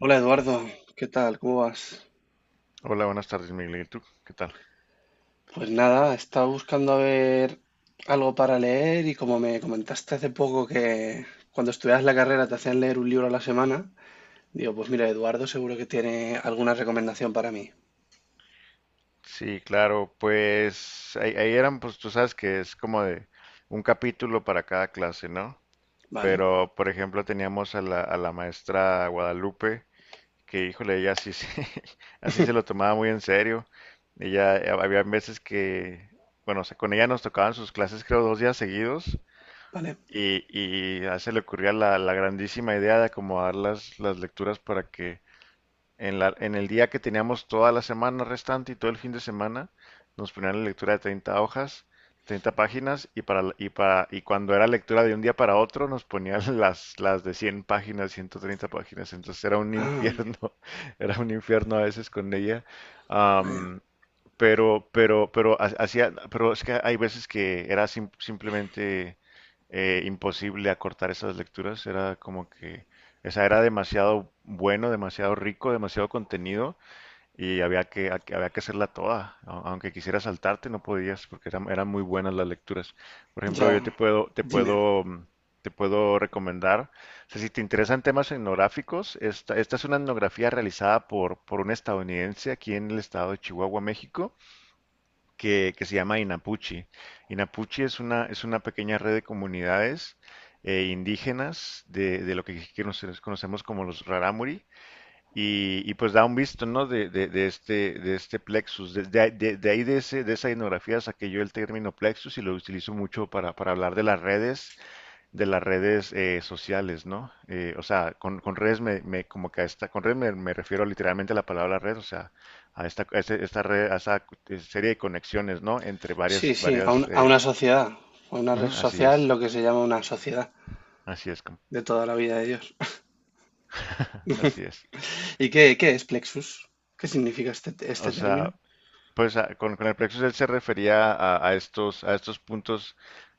Hola Eduardo, ¿qué tal? ¿Cómo vas? Hola, buenas tardes, Miguel. ¿Y tú? ¿Qué tal? Pues nada, estaba buscando a ver algo para leer y como me comentaste hace poco que cuando estudiabas la carrera te hacían leer un libro a la semana, digo, pues mira, Eduardo seguro que tiene alguna recomendación para mí. Sí, claro, pues ahí eran, pues tú sabes que es como de un capítulo para cada clase, ¿no? Vale, Pero, por ejemplo, teníamos a la maestra Guadalupe, que, híjole, ella sí se, así se lo tomaba muy en serio. Ella, había veces que, bueno, o sea, con ella nos tocaban sus clases, creo, dos días seguidos, vale. y a ella se le ocurría la grandísima idea de acomodar las lecturas para que en, la, en el día que teníamos toda la semana restante y todo el fin de semana, nos ponían la lectura de 30 hojas, 30 páginas, y cuando era lectura de un día para otro, nos ponían las de 100 páginas, 130 páginas. Entonces era un Ah, infierno, era un infierno a veces con ella. vaya. Am, pero es que hay veces que era simplemente imposible acortar esas lecturas. Era como que, o sea, era demasiado bueno, demasiado rico, demasiado contenido y había había que hacerla toda. Aunque quisieras saltarte, no podías porque eran muy buenas las lecturas. Por ejemplo, Ya, yo te puedo, te dime. puedo, mm, te puedo recomendar. O sea, si te interesan temas etnográficos, esta es una etnografía realizada por un estadounidense aquí en el estado de Chihuahua, México que se llama Inapuchi. Inapuchi es es una pequeña red de comunidades indígenas de lo que nosotros conocemos como los Raramuri y pues da un visto, ¿no? De de este plexus. De ahí de esa etnografía saqué yo el término plexus y lo utilizo mucho para hablar de las redes sociales, ¿no? O sea, con redes como que a esta, con redes me refiero literalmente a la palabra red, o sea, a esta red, a esa serie de conexiones, ¿no? Entre Sí, sí, varias, a una sociedad. A una red ujú, así social, es, lo que se llama una sociedad así es, com- de toda la vida de Dios. así es. ¿Y qué es Plexus? ¿Qué significa este, O este término? sea, pues con el plexo social se refería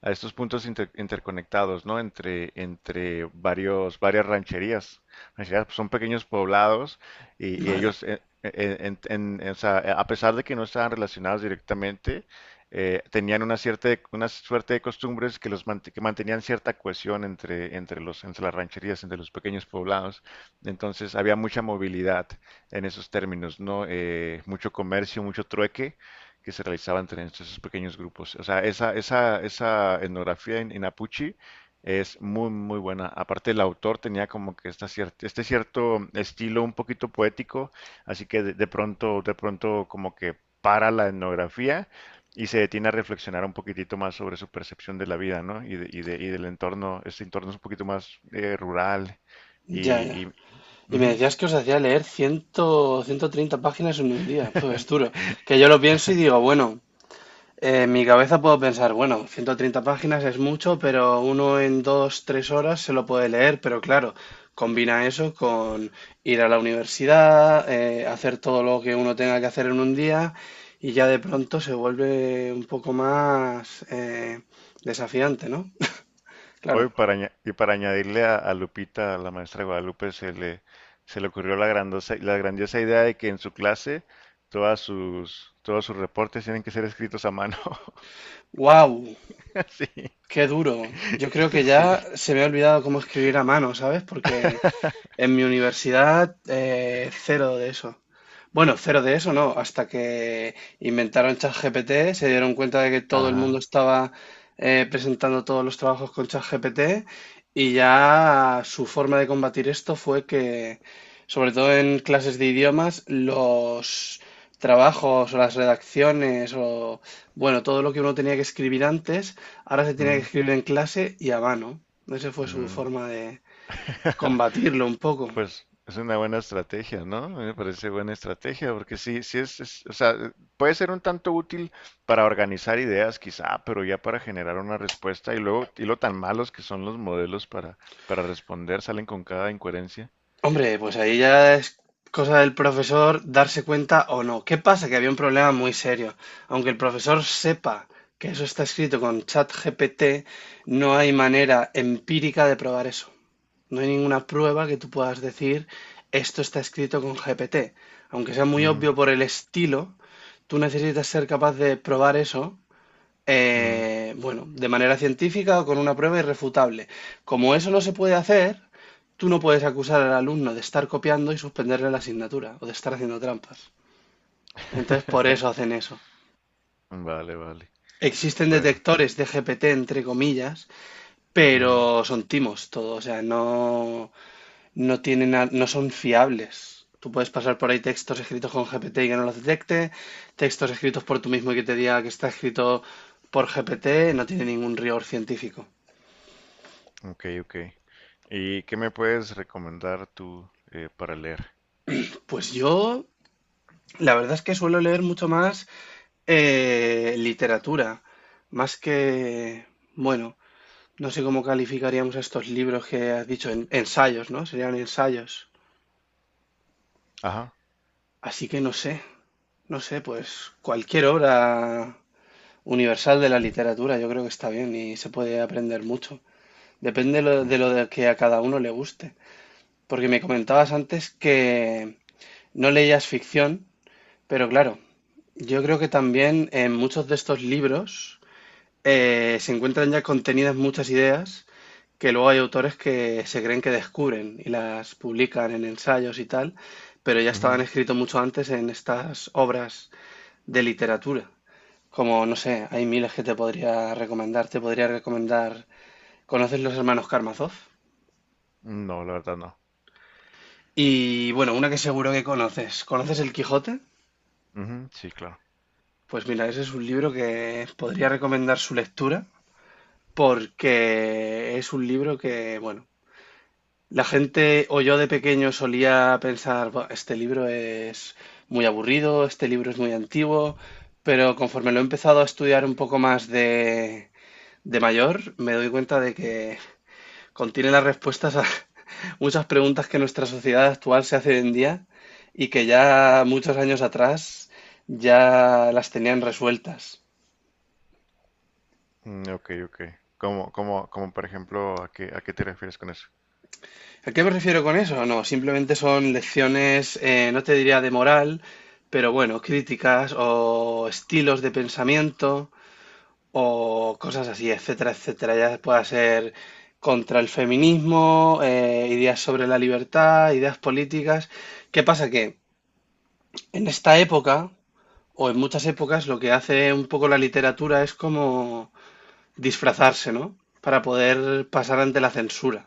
a estos puntos interconectados, ¿no? Entre, entre varios, varias rancherías. Rancherías pues, son pequeños poblados y Vale, ellos, o sea, a pesar de que no estaban relacionados directamente, tenían una cierta, una suerte de costumbres que que mantenían cierta cohesión entre, entre los, entre las rancherías, entre los pequeños poblados. Entonces había mucha movilidad en esos términos, ¿no? Mucho comercio, mucho trueque que se realizaba entre esos pequeños grupos. O sea, esa etnografía en Apuche es muy, muy buena. Aparte, el autor tenía como que esta este cierto estilo un poquito poético, así que de pronto como que para la etnografía y se detiene a reflexionar un poquitito más sobre su percepción de la vida, ¿no? Y del entorno, este entorno es un poquito más rural ya, ya. y Y me ujú. decías que os hacía leer 100, 130 páginas en un día. Pues es duro. Que yo lo pienso y digo, bueno, en mi cabeza puedo pensar, bueno, 130 páginas es mucho, pero uno en 2, 3 horas se lo puede leer. Pero claro, combina eso con ir a la universidad, hacer todo lo que uno tenga que hacer en un día y ya de pronto se vuelve un poco más desafiante, ¿no? Claro. Hoy para añadirle a Lupita, a la maestra Guadalupe, se le ocurrió la grandiosa idea de que en su clase todos sus reportes tienen que ser escritos a mano. ¡Wow! Sí, Qué duro. Yo creo que sí. ya se me ha olvidado cómo escribir a mano, ¿sabes? Porque en mi universidad, cero de eso. Bueno, cero de eso no, hasta que inventaron ChatGPT, se dieron cuenta de que todo el mundo Ajá. estaba presentando todos los trabajos con ChatGPT y ya su forma de combatir esto fue que, sobre todo en clases de idiomas, los trabajos o las redacciones o, bueno, todo lo que uno tenía que escribir antes, ahora se tiene que Mm, escribir en clase y a mano. Esa fue su mm. forma de combatirlo un poco. Pues es una buena estrategia, ¿no? A mí me parece buena estrategia, porque sí, sí o sea, puede ser un tanto útil para organizar ideas, quizá, pero ya para generar una respuesta y luego, y lo tan malos que son los modelos para responder, salen con cada incoherencia. Hombre, pues ahí ya es cosa del profesor darse cuenta o no. ¿Qué pasa? Que había un problema muy serio. Aunque el profesor sepa que eso está escrito con ChatGPT, no hay manera empírica de probar eso. No hay ninguna prueba que tú puedas decir esto está escrito con GPT. Aunque sea muy Ujú, obvio por el estilo, tú necesitas ser capaz de probar eso bueno, de manera científica o con una prueba irrefutable. Como eso no se puede hacer, tú no puedes acusar al alumno de estar copiando y suspenderle la asignatura o de estar haciendo trampas. Entonces, por eso hacen eso. ujú. Vale, vale. Existen Bueno. detectores de GPT, entre comillas, pero Ujú. son timos todo, o sea, no, no tienen, no son fiables. Tú puedes pasar por ahí textos escritos con GPT y que no los detecte, textos escritos por tú mismo y que te diga que está escrito por GPT, no tiene ningún rigor científico. Ok, ok. ¿Y qué me puedes recomendar tú para leer? Pues yo, la verdad es que suelo leer mucho más literatura, más que, bueno, no sé cómo calificaríamos estos libros que has dicho, ensayos, ¿no? Serían ensayos. Ajá. Así que no sé, no sé, pues cualquier obra universal de la literatura yo creo que está bien y se puede aprender mucho. Depende Mm, lo de que a cada uno le guste. Porque me comentabas antes que no leías ficción. Pero claro, yo creo que también en muchos de estos libros se encuentran ya contenidas muchas ideas que luego hay autores que se creen que descubren y las publican en ensayos y tal, pero ya estaban ujú. escritos mucho antes en estas obras de literatura. Como, no sé, hay miles que te podría recomendar. Te podría recomendar. ¿Conoces los hermanos Karamazov? No, la verdad no. Y bueno, una que seguro que conoces. ¿Conoces El Quijote? Ujú, sí, claro. Pues mira, ese es un libro que podría recomendar su lectura porque es un libro que, bueno, la gente o yo de pequeño solía pensar, "Buah, este libro es muy aburrido, este libro es muy antiguo, pero conforme lo he empezado a estudiar un poco más de, mayor, me doy cuenta de que contiene las respuestas a muchas preguntas que nuestra sociedad actual se hace hoy en día y que ya muchos años atrás ya las tenían resueltas. Mm, ok, ok. Como, como, como por ejemplo, a qué te refieres con eso? ¿A qué me refiero con eso? No, simplemente son lecciones, no te diría de moral, pero bueno, críticas o estilos de pensamiento o cosas así, etcétera, etcétera. Ya pueda ser contra el feminismo, ideas sobre la libertad, ideas políticas. ¿Qué pasa? Que en esta época, o en muchas épocas, lo que hace un poco la literatura es como disfrazarse, ¿no? Para poder pasar ante la censura.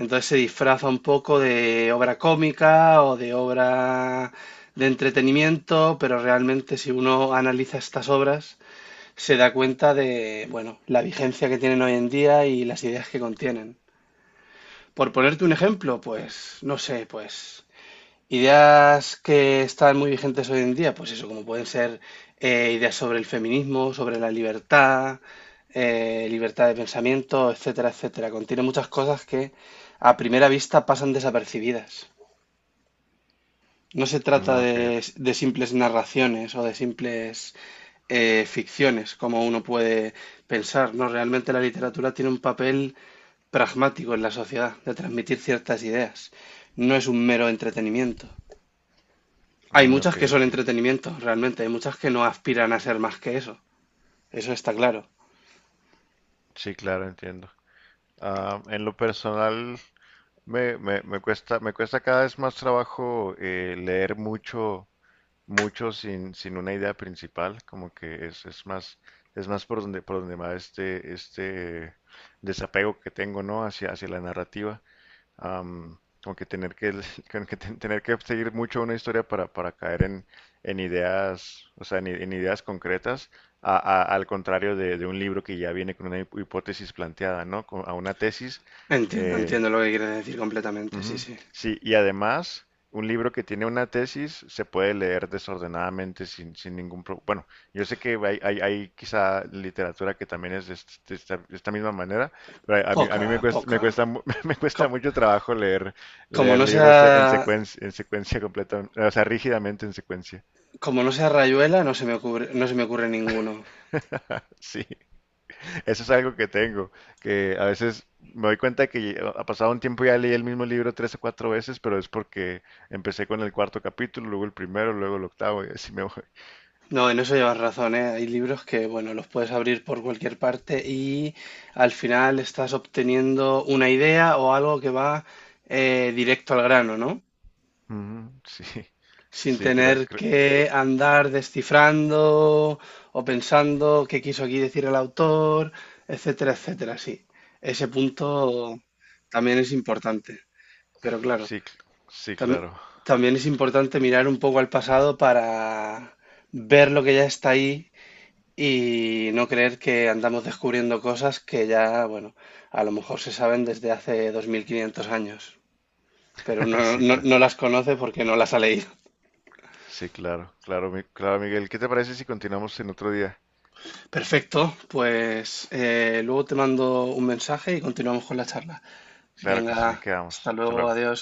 Entonces se disfraza un poco de obra cómica o de obra de entretenimiento, pero realmente si uno analiza estas obras, se da cuenta de, bueno, la vigencia que tienen hoy en día y las ideas que contienen. Por ponerte un ejemplo, pues, no sé, pues ideas que están muy vigentes hoy en día, pues eso, como pueden ser ideas sobre el feminismo, sobre la libertad, libertad de pensamiento, etcétera, etcétera. Contiene muchas cosas que a primera vista pasan desapercibidas. No se trata Mm, ok, de, ok. De simples narraciones o de simples ficciones, como uno puede pensar, ¿no? Realmente la literatura tiene un papel pragmático en la sociedad, de transmitir ciertas ideas. No es un mero entretenimiento. Hay Mm, ok, muchas que son ok. entretenimiento, realmente. Hay muchas que no aspiran a ser más que eso. Eso está claro. Sí, claro, entiendo. Ah, en lo personal, me cuesta cada vez más trabajo leer mucho, mucho sin, sin una idea principal. Como que es más por donde va este desapego que tengo, ¿no? Hacia, hacia la narrativa. Como que tener que, como que tener que seguir mucho una historia para caer en ideas, o sea, en, en ideas concretas, al contrario de un libro que ya viene con una hipótesis planteada, ¿no? A una tesis, Entiendo, eh, entiendo lo que quieres decir completamente, sí, ujú. sí. Sí, y además, un libro que tiene una tesis se puede leer desordenadamente sin, sin ningún problema. Bueno, yo sé que hay quizá literatura que también es de esta misma manera, pero a Poca, mí me cuesta, poca. Me cuesta Co- mucho trabajo leer, Como leer no libros sea, en secuencia completa, o sea, rígidamente en secuencia. como no sea Rayuela, no se me ocurre ninguno. Sí. Eso es algo que tengo, que a veces me doy cuenta que ha pasado un tiempo y ya leí el mismo libro 3 o 4 veces, pero es porque empecé con el cuarto capítulo, luego el primero, luego el octavo y así me voy. No, en eso llevas razón, ¿eh? Hay libros que, bueno, los puedes abrir por cualquier parte y al final estás obteniendo una idea o algo que va directo al grano, ¿no? Ujú, sí, Sin sí, tener que andar descifrando o pensando qué quiso aquí decir el autor, etcétera, etcétera. Sí, ese punto también es importante, pero claro, sí, sí, también, claro, también es importante mirar un poco al pasado para ver lo que ya está ahí y no creer que andamos descubriendo cosas que ya, bueno, a lo mejor se saben desde hace 2500 años, pero uno sí, no, claro, no las conoce porque no las ha leído. sí, claro, claro, claro, Miguel. ¿Qué te parece si continuamos en otro día? Perfecto, pues luego te mando un mensaje y continuamos con la charla. Claro que sí, Venga, hasta quedamos. Hasta luego, luego. adiós.